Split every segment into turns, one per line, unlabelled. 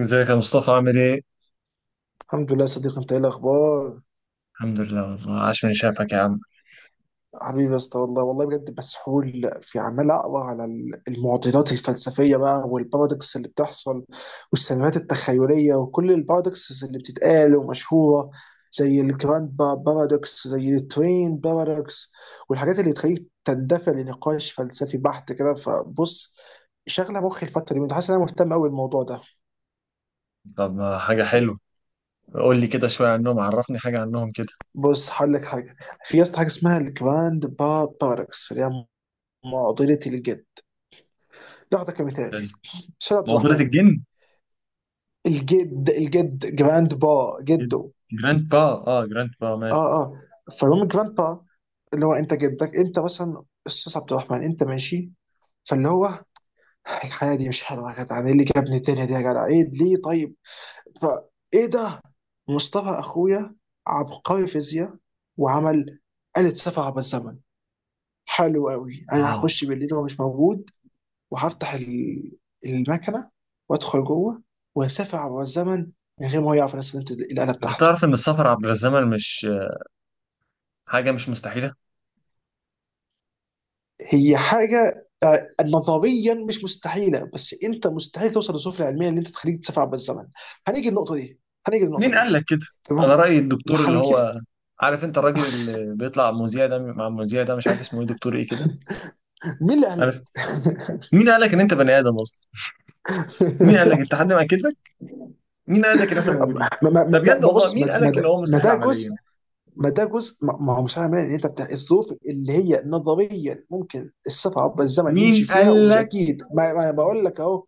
ازيك يا مصطفى عامل ايه؟
الحمد لله يا صديقي، انت ايه الاخبار؟
الحمد لله والله، عاش من شافك يا عم.
حبيبي يا اسطى، والله والله بجد مسحول، في عمال اقرا على المعضلات الفلسفيه بقى، والبارادوكس اللي بتحصل والسيناريوهات التخيليه، وكل البارادوكس اللي بتتقال ومشهوره، زي الجراند بارادوكس، زي التوين بارادوكس، والحاجات اللي بتخليك تندفع لنقاش فلسفي بحت كده. فبص، شغله مخي الفتره دي، حاسس ان انا مهتم قوي بالموضوع ده.
طب ما حاجة حلوة، قول لي كده شوية عنهم، عرفني حاجة عنهم كده.
بص هقول لك حاجه. في يا اسطى حاجه اسمها الجراند با بارادوكس، اللي هي معضله الجد. ناخذه كمثال.
حلو.
استاذ عبد
مقبرة
الرحمن،
الجن؟
الجد الجد جراند با جده.
جراند با. اه جراند با ماشي.
اه. اه. فالمهم جراند با، اللي هو انت جدك، انت مثلا استاذ عبد الرحمن، انت ماشي. فاللي هو، الحياه دي مش حلوه يا جدع، ايه اللي جابني الدنيا دي يا جدع، ايه ليه طيب؟ فايه ده؟ مصطفى اخويا، عبقري فيزياء، وعمل آلة سفر عبر الزمن. حلو قوي، انا
اه.
هخش بالليل وهو مش موجود، وهفتح المكنه، وادخل جوه، واسافر عبر الزمن، من غير ما هو يعرف انا استخدمت الاله
انت
بتاعته.
تعرف ان السفر عبر الزمن مش حاجة مش مستحيلة؟
هي حاجه آه، نظريا مش مستحيله، بس انت مستحيل توصل للسفلى العلميه ان انت تخليك تسافر عبر الزمن. هنيجي النقطه دي. هنيجي النقطه
مين قال
دي.
لك كده؟ على
تمام.
رأي
ما
الدكتور اللي
هننكر.
هو، عارف انت الراجل اللي بيطلع مذيع ده مع المذيع ده، مش عارف اسمه ايه، دكتور ايه كده،
مين اللي قال
عارف.
لك؟
مين قال لك ان انت بني ادم اصلا؟ مين قال لك؟ انت حد مأكد لك؟ مين قال لك ان احنا موجودين؟ ده بجد والله،
بص،
مين قال لك ان هو
ما
مستحيل
ده جزء.
عمليا؟
ما ده جزء. ما، هو مش معنى ان انت بتاع الظروف اللي هي نظريا ممكن السفر عبر الزمن يمشي
مين
فيها،
قال
ومش
لك؟
اكيد. ما انا بقول لك اهو،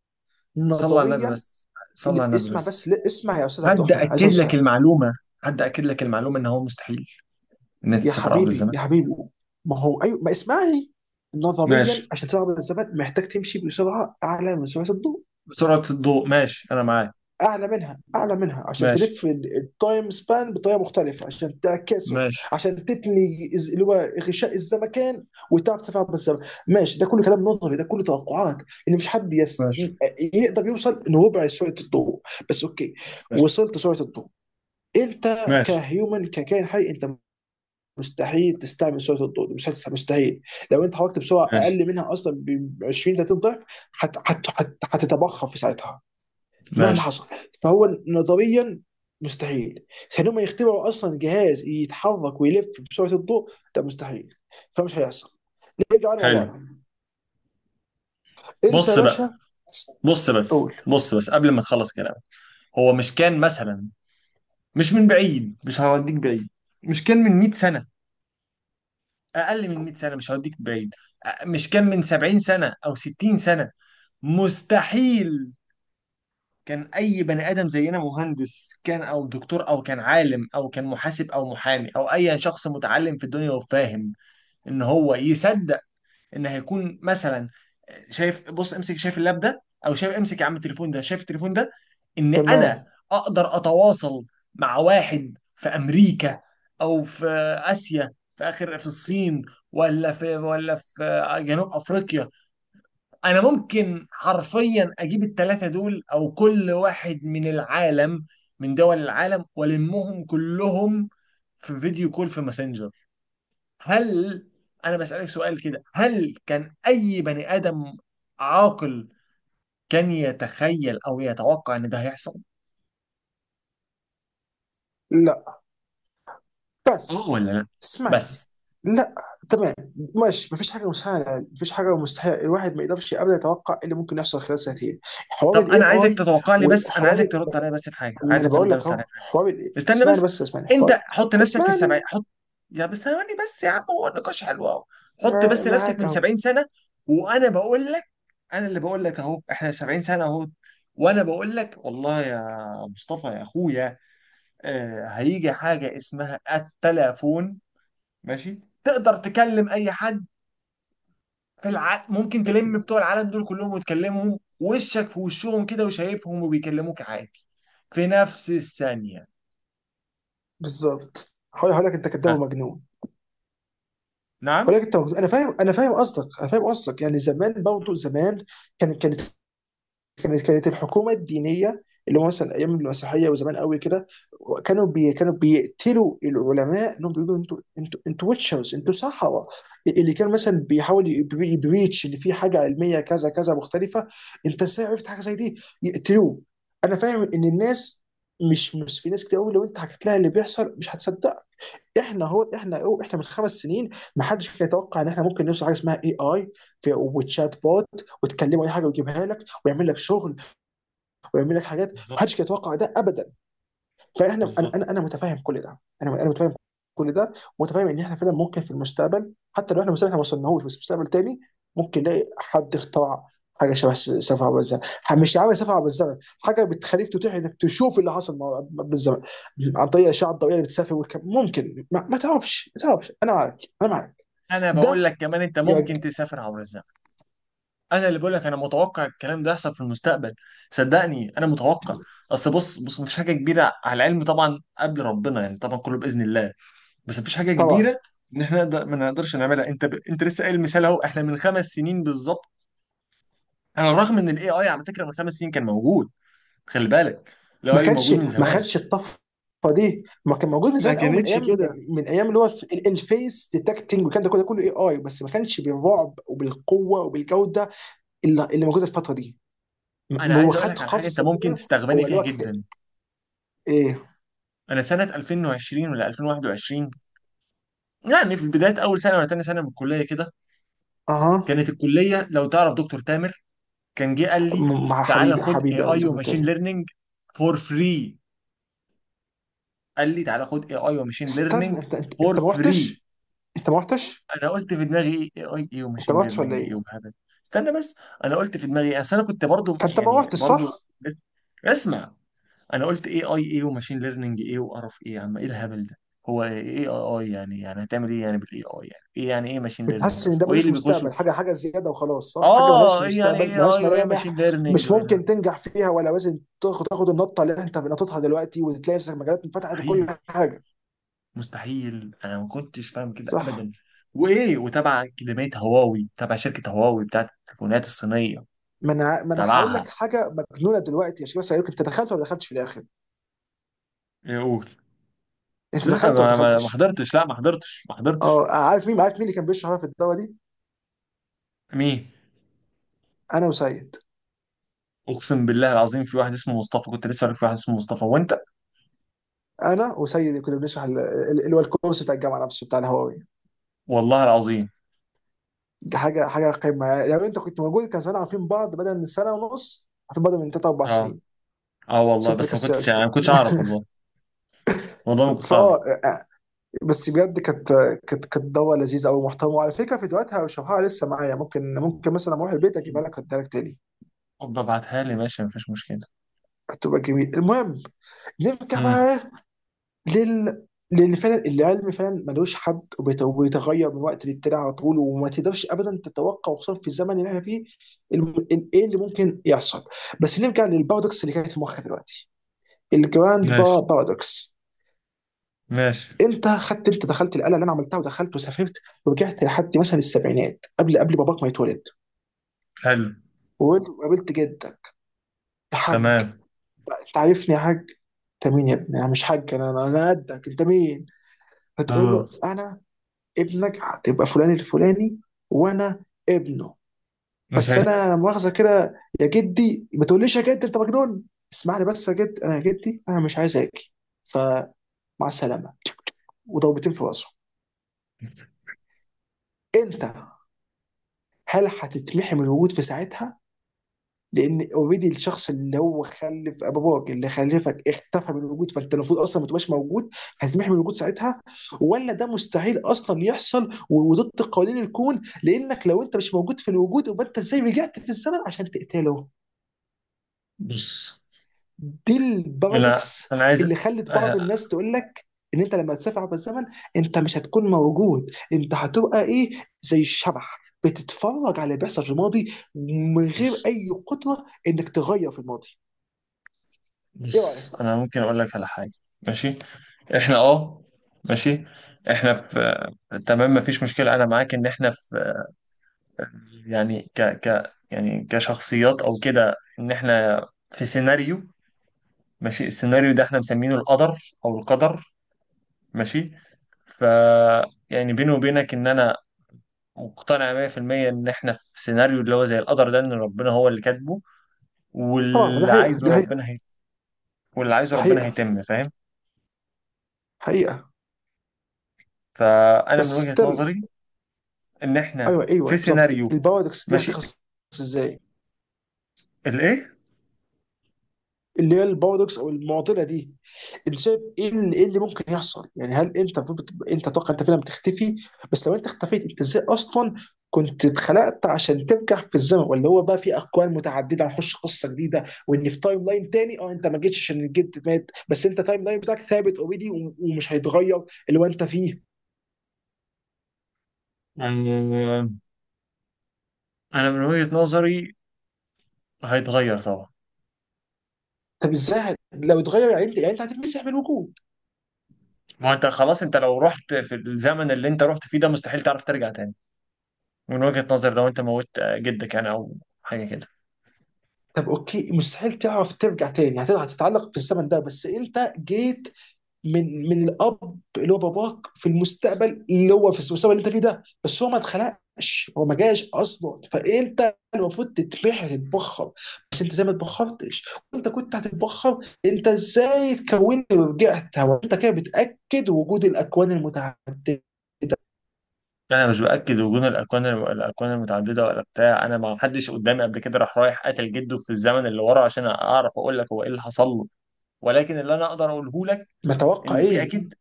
صلى على النبي
نظريا.
بس. صلى على النبي
اسمع
بس.
بس، لا اسمع يا استاذ عبد
حد
الرحمن عليه الصلاه
أكد لك
والسلام.
المعلومة؟ حد أكد لك المعلومة ان هو مستحيل، ان انت
يا
تسافر عبر
حبيبي
الزمن؟
يا حبيبي، ما هو ايوه، ما اسمعني. نظريا
ماشي.
عشان تسافر عبر الزمن، محتاج تمشي بسرعه اعلى من سرعه الضوء.
بسرعة الضوء ماشي، انا معاك.
اعلى منها، اعلى منها، عشان تلف
ماشي.
التايم سبان بطريقه مختلفه، عشان تعكسه،
ماشي.
عشان تتني، اللي هو غشاء الزمكان، وتعرف تسافر عبر الزمن. ماشي، ده كله كلام نظري، ده كله توقعات. ان مش حد يست...
ماشي.
يقدر يوصل لربع سرعه الضوء بس. اوكي،
ماشي.
وصلت سرعه الضوء. انت
ماشي.
كهيومن، ككائن حي، انت مستحيل تستعمل سرعه الضوء. مش هتستع- مستحيل. لو انت حركت بسرعه
ماشي.
اقل منها اصلا ب 20 30 ضعف، هتتبخر في ساعتها مهما
ماشي.
حصل. فهو نظريا مستحيل. ثانيا، ما يخترعوا اصلا جهاز يتحرك ويلف بسرعه الضوء. ده مستحيل، فمش هيحصل. نرجع على
حلو.
موضوعنا. انت يا
بص بقى،
باشا،
بص بس،
قول.
بص بس قبل ما تخلص كلام. هو مش كان مثلا، مش من بعيد، مش هوديك بعيد، مش كان من 100 سنة؟ أقل من 100 سنة، مش هوديك بعيد، مش كان من 70 سنة أو 60 سنة؟ مستحيل. كان أي بني آدم زينا، مهندس كان أو دكتور أو كان عالم أو كان محاسب أو محامي أو أي شخص متعلم في الدنيا وفاهم، إن هو يصدق ان هيكون مثلا، شايف، بص امسك، شايف اللاب ده، او شايف، امسك يا عم التليفون ده، شايف التليفون ده، ان انا
تمام.
اقدر اتواصل مع واحد في امريكا او في اسيا، في اخر، في الصين ولا في جنوب افريقيا، انا ممكن حرفيا اجيب الثلاثه دول او كل واحد من العالم، من دول العالم، والمهم كلهم في فيديو كول في ماسنجر. هل، انا بسألك سؤال كده، هل كان اي بني ادم عاقل كان يتخيل او يتوقع ان ده هيحصل؟
لا
اه
بس
ولا لا؟
اسمعني.
بس.
لا. تمام، ماشي، مفيش حاجه مسهله، مفيش حاجه مستحيل، الواحد ما يقدرش ابدا يتوقع إيه اللي ممكن يحصل خلال سنتين. حوار
طب
الاي
انا عايزك
اي،
تتوقع لي بس، انا
وحوار
عايزك
ال-
ترد عليا بس في حاجه،
ما انا
عايزك
بقول
ترد
لك
بس عليا
اهو،
في حاجه. استنى
اسمعني
بس،
بس، اسمعني،
انت
حوار.
حط نفسك في السبعين،
اسمعني.
حط. يا بس ثواني بس يا عم، هو النقاش حلو اهو. حط
ما-
بس نفسك
معاك
من
اهو.
70 سنه، وانا بقول لك، انا اللي بقول لك اهو، احنا 70 سنه اهو، وانا بقول لك والله يا مصطفى يا اخويا، هيجي حاجة اسمها التلافون. ماشي، تقدر تكلم أي حد ممكن تلم بتوع العالم دول كلهم وتكلمهم، وشك في وشهم كده، وشايفهم وبيكلموك عادي في نفس الثانية.
بالظبط، هقول لك انت كداب
ها؟
ومجنون. هقول
نعم.
لك انت مجنون. انا فاهم، انا فاهم قصدك. يعني زمان برضه، زمان كان كانت كانت الحكومه الدينيه، اللي هو مثلا ايام المسيحيه وزمان قوي كده، كانوا بيقتلوا العلماء، انهم بيقولوا انتوا انتوا انتوا ويتشرز، انتوا سحره، اللي كان مثلا بيحاول يبريتش ان في حاجه علميه كذا كذا مختلفه، انت ازاي عرفت حاجه زي دي. يقتلوه. انا فاهم ان الناس، مش في ناس كتير قوي لو انت حكيت لها اللي بيحصل مش هتصدق. احنا، هو احنا أو احنا من 5 سنين، ما حدش كان يتوقع ان احنا ممكن نوصل حاجه اسمها اي اي، وتشات بوت، وتكلمه اي حاجه ويجيبها لك، ويعمل لك شغل، ويعمل لك حاجات، ما
بالظبط.
حدش كان يتوقع ده ابدا. فاحنا، انا
بالظبط،
انا أنا متفاهم كل ده، انا متفاهم كل ده، ومتفاهم ان احنا فعلا ممكن في المستقبل، حتى لو احنا المستقبل احنا ما وصلناهوش، بس في مستقبل تاني ممكن نلاقي حد اخترع حاجه شبه سفر عبر الزمن، مش عامل سفر عبر الزمن، حاجه بتخليك تتيح انك تشوف اللي حصل بالزمن، عن طريق الاشعه الضوئيه اللي بتسافر والكلام. ممكن ما تعرفش. انا معاك، انا معاك.
أنا بقول
ده
لك كمان، أنت
يرج...
ممكن تسافر عبر الزمن. أنا اللي بقول لك، أنا متوقع الكلام ده يحصل في المستقبل، صدقني أنا متوقع. أصل بص، بص، مفيش حاجة كبيرة على العلم طبعا، قبل ربنا يعني، طبعا كله بإذن الله، بس مفيش حاجه
طبعا.
كبيره ان احنا نقدر ما نقدرش نعملها. انت انت لسه قايل مثال اهو، احنا من خمس سنين بالظبط، على الرغم ان الاي اي على فكره من خمس سنين كان موجود. خلي بالك، الاي
ما
اي
كانش
موجود من
ما
زمان،
خدش الطفره دي، ما كان موجود من
ما
زمان قوي، من
كانتش
ايام،
كده.
من ايام اللي هو في الفيس ديتكتنج، وكان ده كله، كله اي اي، بس ما كانش بالرعب وبالقوه وبالجوده اللي موجوده الفتره دي.
انا
هو
عايز اقول
خد
لك على حاجه انت
قفزه
ممكن
كده، هو
تستغبني
اللي
فيها
هو
جدا.
ايه.
انا سنه 2020 ولا 2021، يعني في بدايه اول سنه ولا تاني سنه من الكليه كده،
اها.
كانت الكليه، لو تعرف دكتور تامر، كان جه قال لي،
مع،
تعالى
حبيبي
خد اي
حبيبي قوي
اي
دكتور
وماشين
تامر.
ليرنينج فور فري، قال لي تعالى خد اي اي وماشين
استنى،
ليرنينج فور
انت ما
فري.
رحتش. انت ما رحتش.
انا قلت في دماغي، ايه اي اي
انت
وماشين
ما رحتش ولا
ليرنينج ايه
ايه؟
وهبل. استنى بس، انا قلت في دماغي ايه، اصل انا كنت برضو،
فانت ما
يعني
رحتش
برضو
صح؟
بس. اسمع، انا قلت ايه اي ايه وماشين ليرنينج ايه وقرف، ايه يا عم، ايه الهبل ده، هو ايه اي اي يعني، يعني هتعمل ايه يعني بالاي اي، يعني ايه يعني، ايه ماشين
كنت
ليرنينج
حاسس ان
اصلا،
ده
وايه
ملوش
اللي بيخشوا؟
مستقبل، حاجه حاجه زياده وخلاص، صح، حاجه ملهاش
اه، ايه يعني
مستقبل،
ايه
ملهاش
اي وايه ماشين
ملامح،
ليرنينج؟
مش ممكن تنجح فيها، ولا لازم تاخد النطه اللي انت نطيتها دلوقتي وتلاقي نفسك مجالات انفتحت وكل
مستحيل،
حاجه.
مستحيل، انا ما كنتش فاهم كده
صح.
ابدا. وايه، وتبع اكاديميه هواوي، تبع شركه هواوي بتاعت التليفونات الصينيه،
ما انا هقول لك
تبعها.
حاجه مجنونه دلوقتي. يا شباب، سألوك انت دخلت ولا ما دخلتش في الاخر. انت
لا،
دخلت ولا ما
ما
دخلتش؟
حضرتش، لا ما حضرتش، ما حضرتش.
اه. عارف مين، عارف مين اللي كان بيشرح في الدواء دي؟
مين؟
انا وسيد.
اقسم بالله العظيم، في واحد اسمه مصطفى كنت لسه عارف، في واحد اسمه مصطفى، وانت؟
انا وسيد كنا بنشرح اللي هو الكورس بتاع الجامعه نفسه بتاع الهواوي.
والله العظيم.
دي حاجه، حاجه قمه يعني، لو انت كنت موجود كان زمان عارفين بعض بدل من سنه ونص، عارفين بعض من ثلاث اربع
اه.
سنين.
اه والله،
ست
بس ما كنتش يعني،
كسلت.
ما كنتش اعرف والله. والله ما كنت اعرف.
فاه. بس بجد كانت دوا لذيذه قوي محترمه، وعلى فكره فيديوهاتها وشرحها لسه معايا، ممكن مثلا اروح البيت اجيبها لك، اديها لك تاني.
ابقى ابعتها لي، ماشي مفيش مشكله.
هتبقى جميل. المهم، نرجع
امم.
بقى لل لان فعلا العلم فعلا ملوش حد، وبيتغير من وقت للتاني على طول، وما تقدرش ابدا تتوقع خصوصا في الزمن اللي احنا فيه ايه اللي ممكن يحصل. بس نرجع للبارادوكس اللي كانت في مخي دلوقتي، الجراند با
ماشي.
بارادوكس.
ماشي.
انت خدت، انت دخلت القلعه اللي انا عملتها، ودخلت وسافرت ورجعت لحد مثلا السبعينات، قبل باباك ما يتولد،
حلو.
وقابلت جدك. يا حاج،
تمام.
انت عارفني يا حاج؟ انت مين يا ابني؟ انا مش حاج، انا انا أنا قدك. انت مين؟ هتقول له
اه.
انا ابنك، هتبقى فلان الفلاني وانا ابنه.
مش
بس
هيسد.
انا مؤاخذه كده يا جدي، ما تقوليش يا جد، انت مجنون، اسمعني بس يا جد، انا يا جدي انا مش عايز اجي. فمع السلامه، وضربتين في راسه. انت، هل هتتمحي من الوجود في ساعتها؟ لان اوريدي الشخص اللي هو خلف باباك اللي خلفك اختفى من الوجود، فانت المفروض اصلا ما تبقاش موجود. هتتمحي من الوجود ساعتها، ولا ده مستحيل اصلا يحصل وضد قوانين الكون، لانك لو انت مش موجود في الوجود، يبقى انت ازاي رجعت في الزمن عشان تقتله؟
بص.
دي
لا
البارادوكس
انا عايز،
اللي خلت بعض
آه،
الناس تقول لك ان انت لما تسافر عبر الزمن، انت مش هتكون موجود، انت هتبقى ايه، زي الشبح، بتتفرج على اللي بيحصل في الماضي من غير
بص
اي قدره انك تغير في الماضي. ايه رايك؟
بص، انا ممكن اقول لك على حاجه. ماشي. احنا اه، ماشي، احنا في، تمام مفيش مشكلة انا معاك، ان احنا في، يعني ك ك يعني كشخصيات او كده، ان احنا في سيناريو، ماشي، السيناريو ده احنا مسمينه القدر، او القدر. ماشي. ف، يعني بيني وبينك ان انا مقتنع 100% ان احنا في سيناريو اللي هو زي القدر ده، ان ربنا هو اللي كاتبه،
طبعا ما ده
واللي
حقيقه،
عايزه
دي حقيقه،
ربنا واللي عايزه
دي
ربنا
حقيقه،
هيتم، فاهم.
حقيقه.
فانا من
بس
وجهة
ستيل،
نظري ان احنا
ايوه ايوه
في
بالظبط،
سيناريو.
البارادوكس دي
ماشي.
هتخلص ازاي؟
الايه.
اللي هي البارادوكس او المعضله دي، انت شايف ايه اللي، إيه اللي ممكن يحصل؟ يعني هل انت المفروض انت تتوقع انت فعلا بتختفي؟ بس لو انت اختفيت، انت ازاي اصلا كنت اتخلقت عشان ترجع في الزمن؟ ولا هو بقى في اكوان متعدده، هنخش قصه جديده، وان في تايم لاين تاني، اه، انت ما جيتش عشان الجد مات، بس انت تايم لاين بتاعك ثابت اوريدي ومش هيتغير، اللي هو انت فيه.
آه، انا من وجهة نظري هيتغير طبعا.
طب ازاي لو اتغير، يعني انت، يعني انت هتتمسح من الوجود؟
ما انت خلاص، انت لو رحت في الزمن اللي انت رحت فيه ده، مستحيل تعرف ترجع تاني. من وجهة نظري لو انت موت جدك يعني او حاجة كده.
طب اوكي، مستحيل تعرف ترجع تاني، هتقدر هتتعلق في الزمن ده. بس انت جيت من الاب اللي هو باباك في المستقبل، اللي هو في المستقبل اللي انت فيه ده، بس هو ما اتخلقش، هو ما جاش اصلا، فانت المفروض تتبخر. بس انت زي ما اتبخرتش، وانت كنت هتتبخر، انت ازاي اتكونت ورجعت؟ هو انت كده بتاكد وجود الاكوان المتعدده؟
انا مش باكد وجود الاكوان، المتعدده ولا بتاع، انا ما حدش قدامي قبل كده راح رايح قتل جده في الزمن اللي ورا عشان اعرف اقول لك هو ايه اللي حصل له. ولكن اللي انا اقدر اقوله لك،
ما توقع
ان في
ايه؟
اكيد،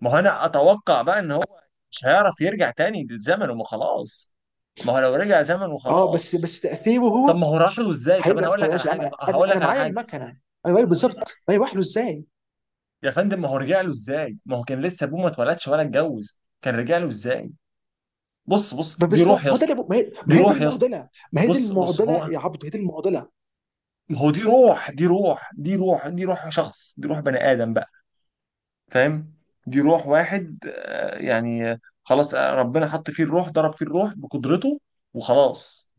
ما هو انا اتوقع بقى ان هو مش هيعرف يرجع تاني للزمن، وما خلاص، ما هو لو رجع زمن
اه بس،
وخلاص.
بس تاثيره
طب
هو
ما هو راح له ازاي؟ طب انا
هيرجع.
هقول
طب
لك على
ماشي يا عم،
حاجه بقى، هقول
انا انا
لك على
معايا
حاجه.
المكنه. ايوه، أيوة بالظبط، ما يروح له ازاي؟
يا فندم، ما هو رجع له ازاي؟ ما هو كان لسه ابوه ما اتولدش ولا اتجوز، كان رجع له ازاي؟ بص، بص،
ما
دي
بالظبط،
روح
ما
يا
هو ده
اسطى.
ما هي، ما
دي
هي دي
روح يا اسطى.
المعضله، ما هي دي
بص بص
المعضله
هو،
يا عبد، هي دي المعضله.
ما هو دي روح، دي روح دي روح دي روح شخص، دي روح بني ادم بقى، فاهم؟ دي روح واحد، يعني، خلاص، ربنا حط فيه الروح، ضرب فيه الروح بقدرته وخلاص.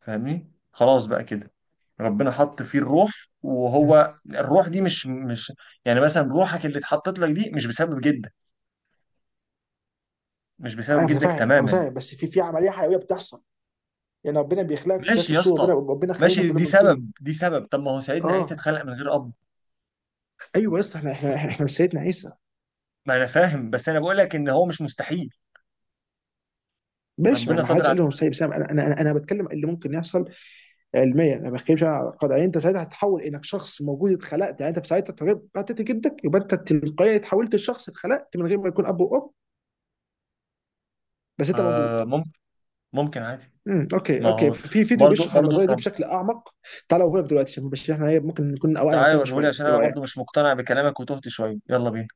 فاهمني؟ خلاص بقى كده، ربنا حط فيه الروح،
مم.
وهو الروح دي مش يعني مثلا روحك اللي اتحطت لك دي مش بسبب جدك، مش بسبب
انا
جدك
متفاهم، انا
تماما.
فاهم، بس في عمليه حيويه بتحصل، يعني ربنا بيخلقك في
ماشي
شكل
يا
صوره
اسطى.
ربنا، ربنا خلينا
ماشي،
كلنا
دي
من طين.
سبب، دي سبب، طب ما هو سيدنا عيسى
اه.
اتخلق من غير اب.
ايوه يا اسطى، احنا مش سيدنا عيسى.
ما انا فاهم، بس انا بقول لك ان هو مش مستحيل،
ماشي، ما
ربنا
ما
قادر
حدش
على،
قال له مش سيد، بس انا انا انا أنا بتكلم اللي ممكن يحصل علميا، انا ما بتكلمش على قد يعني. انت ساعتها هتتحول انك شخص موجود اتخلقت، يعني انت في ساعتها طبيعي بتاعت جدك، يبقى انت تلقائيا اتحولت لشخص اتخلقت من غير ما يكون اب وام، بس انت موجود.
آه ممكن، ممكن عادي.
امم، اوكي
ما
اوكي،
هو
في فيديو
برضو
بيشرح
برضو
النظريه دي بشكل اعمق. تعالوا هنا دلوقتي عشان بشرح احنا ايه ممكن نكون اوقات
تعالى
مختلفه
وريهولي
شويه.
عشان
ايه
انا برضو مش
رايك؟
مقتنع بكلامك وتهت شويه، يلا بينا.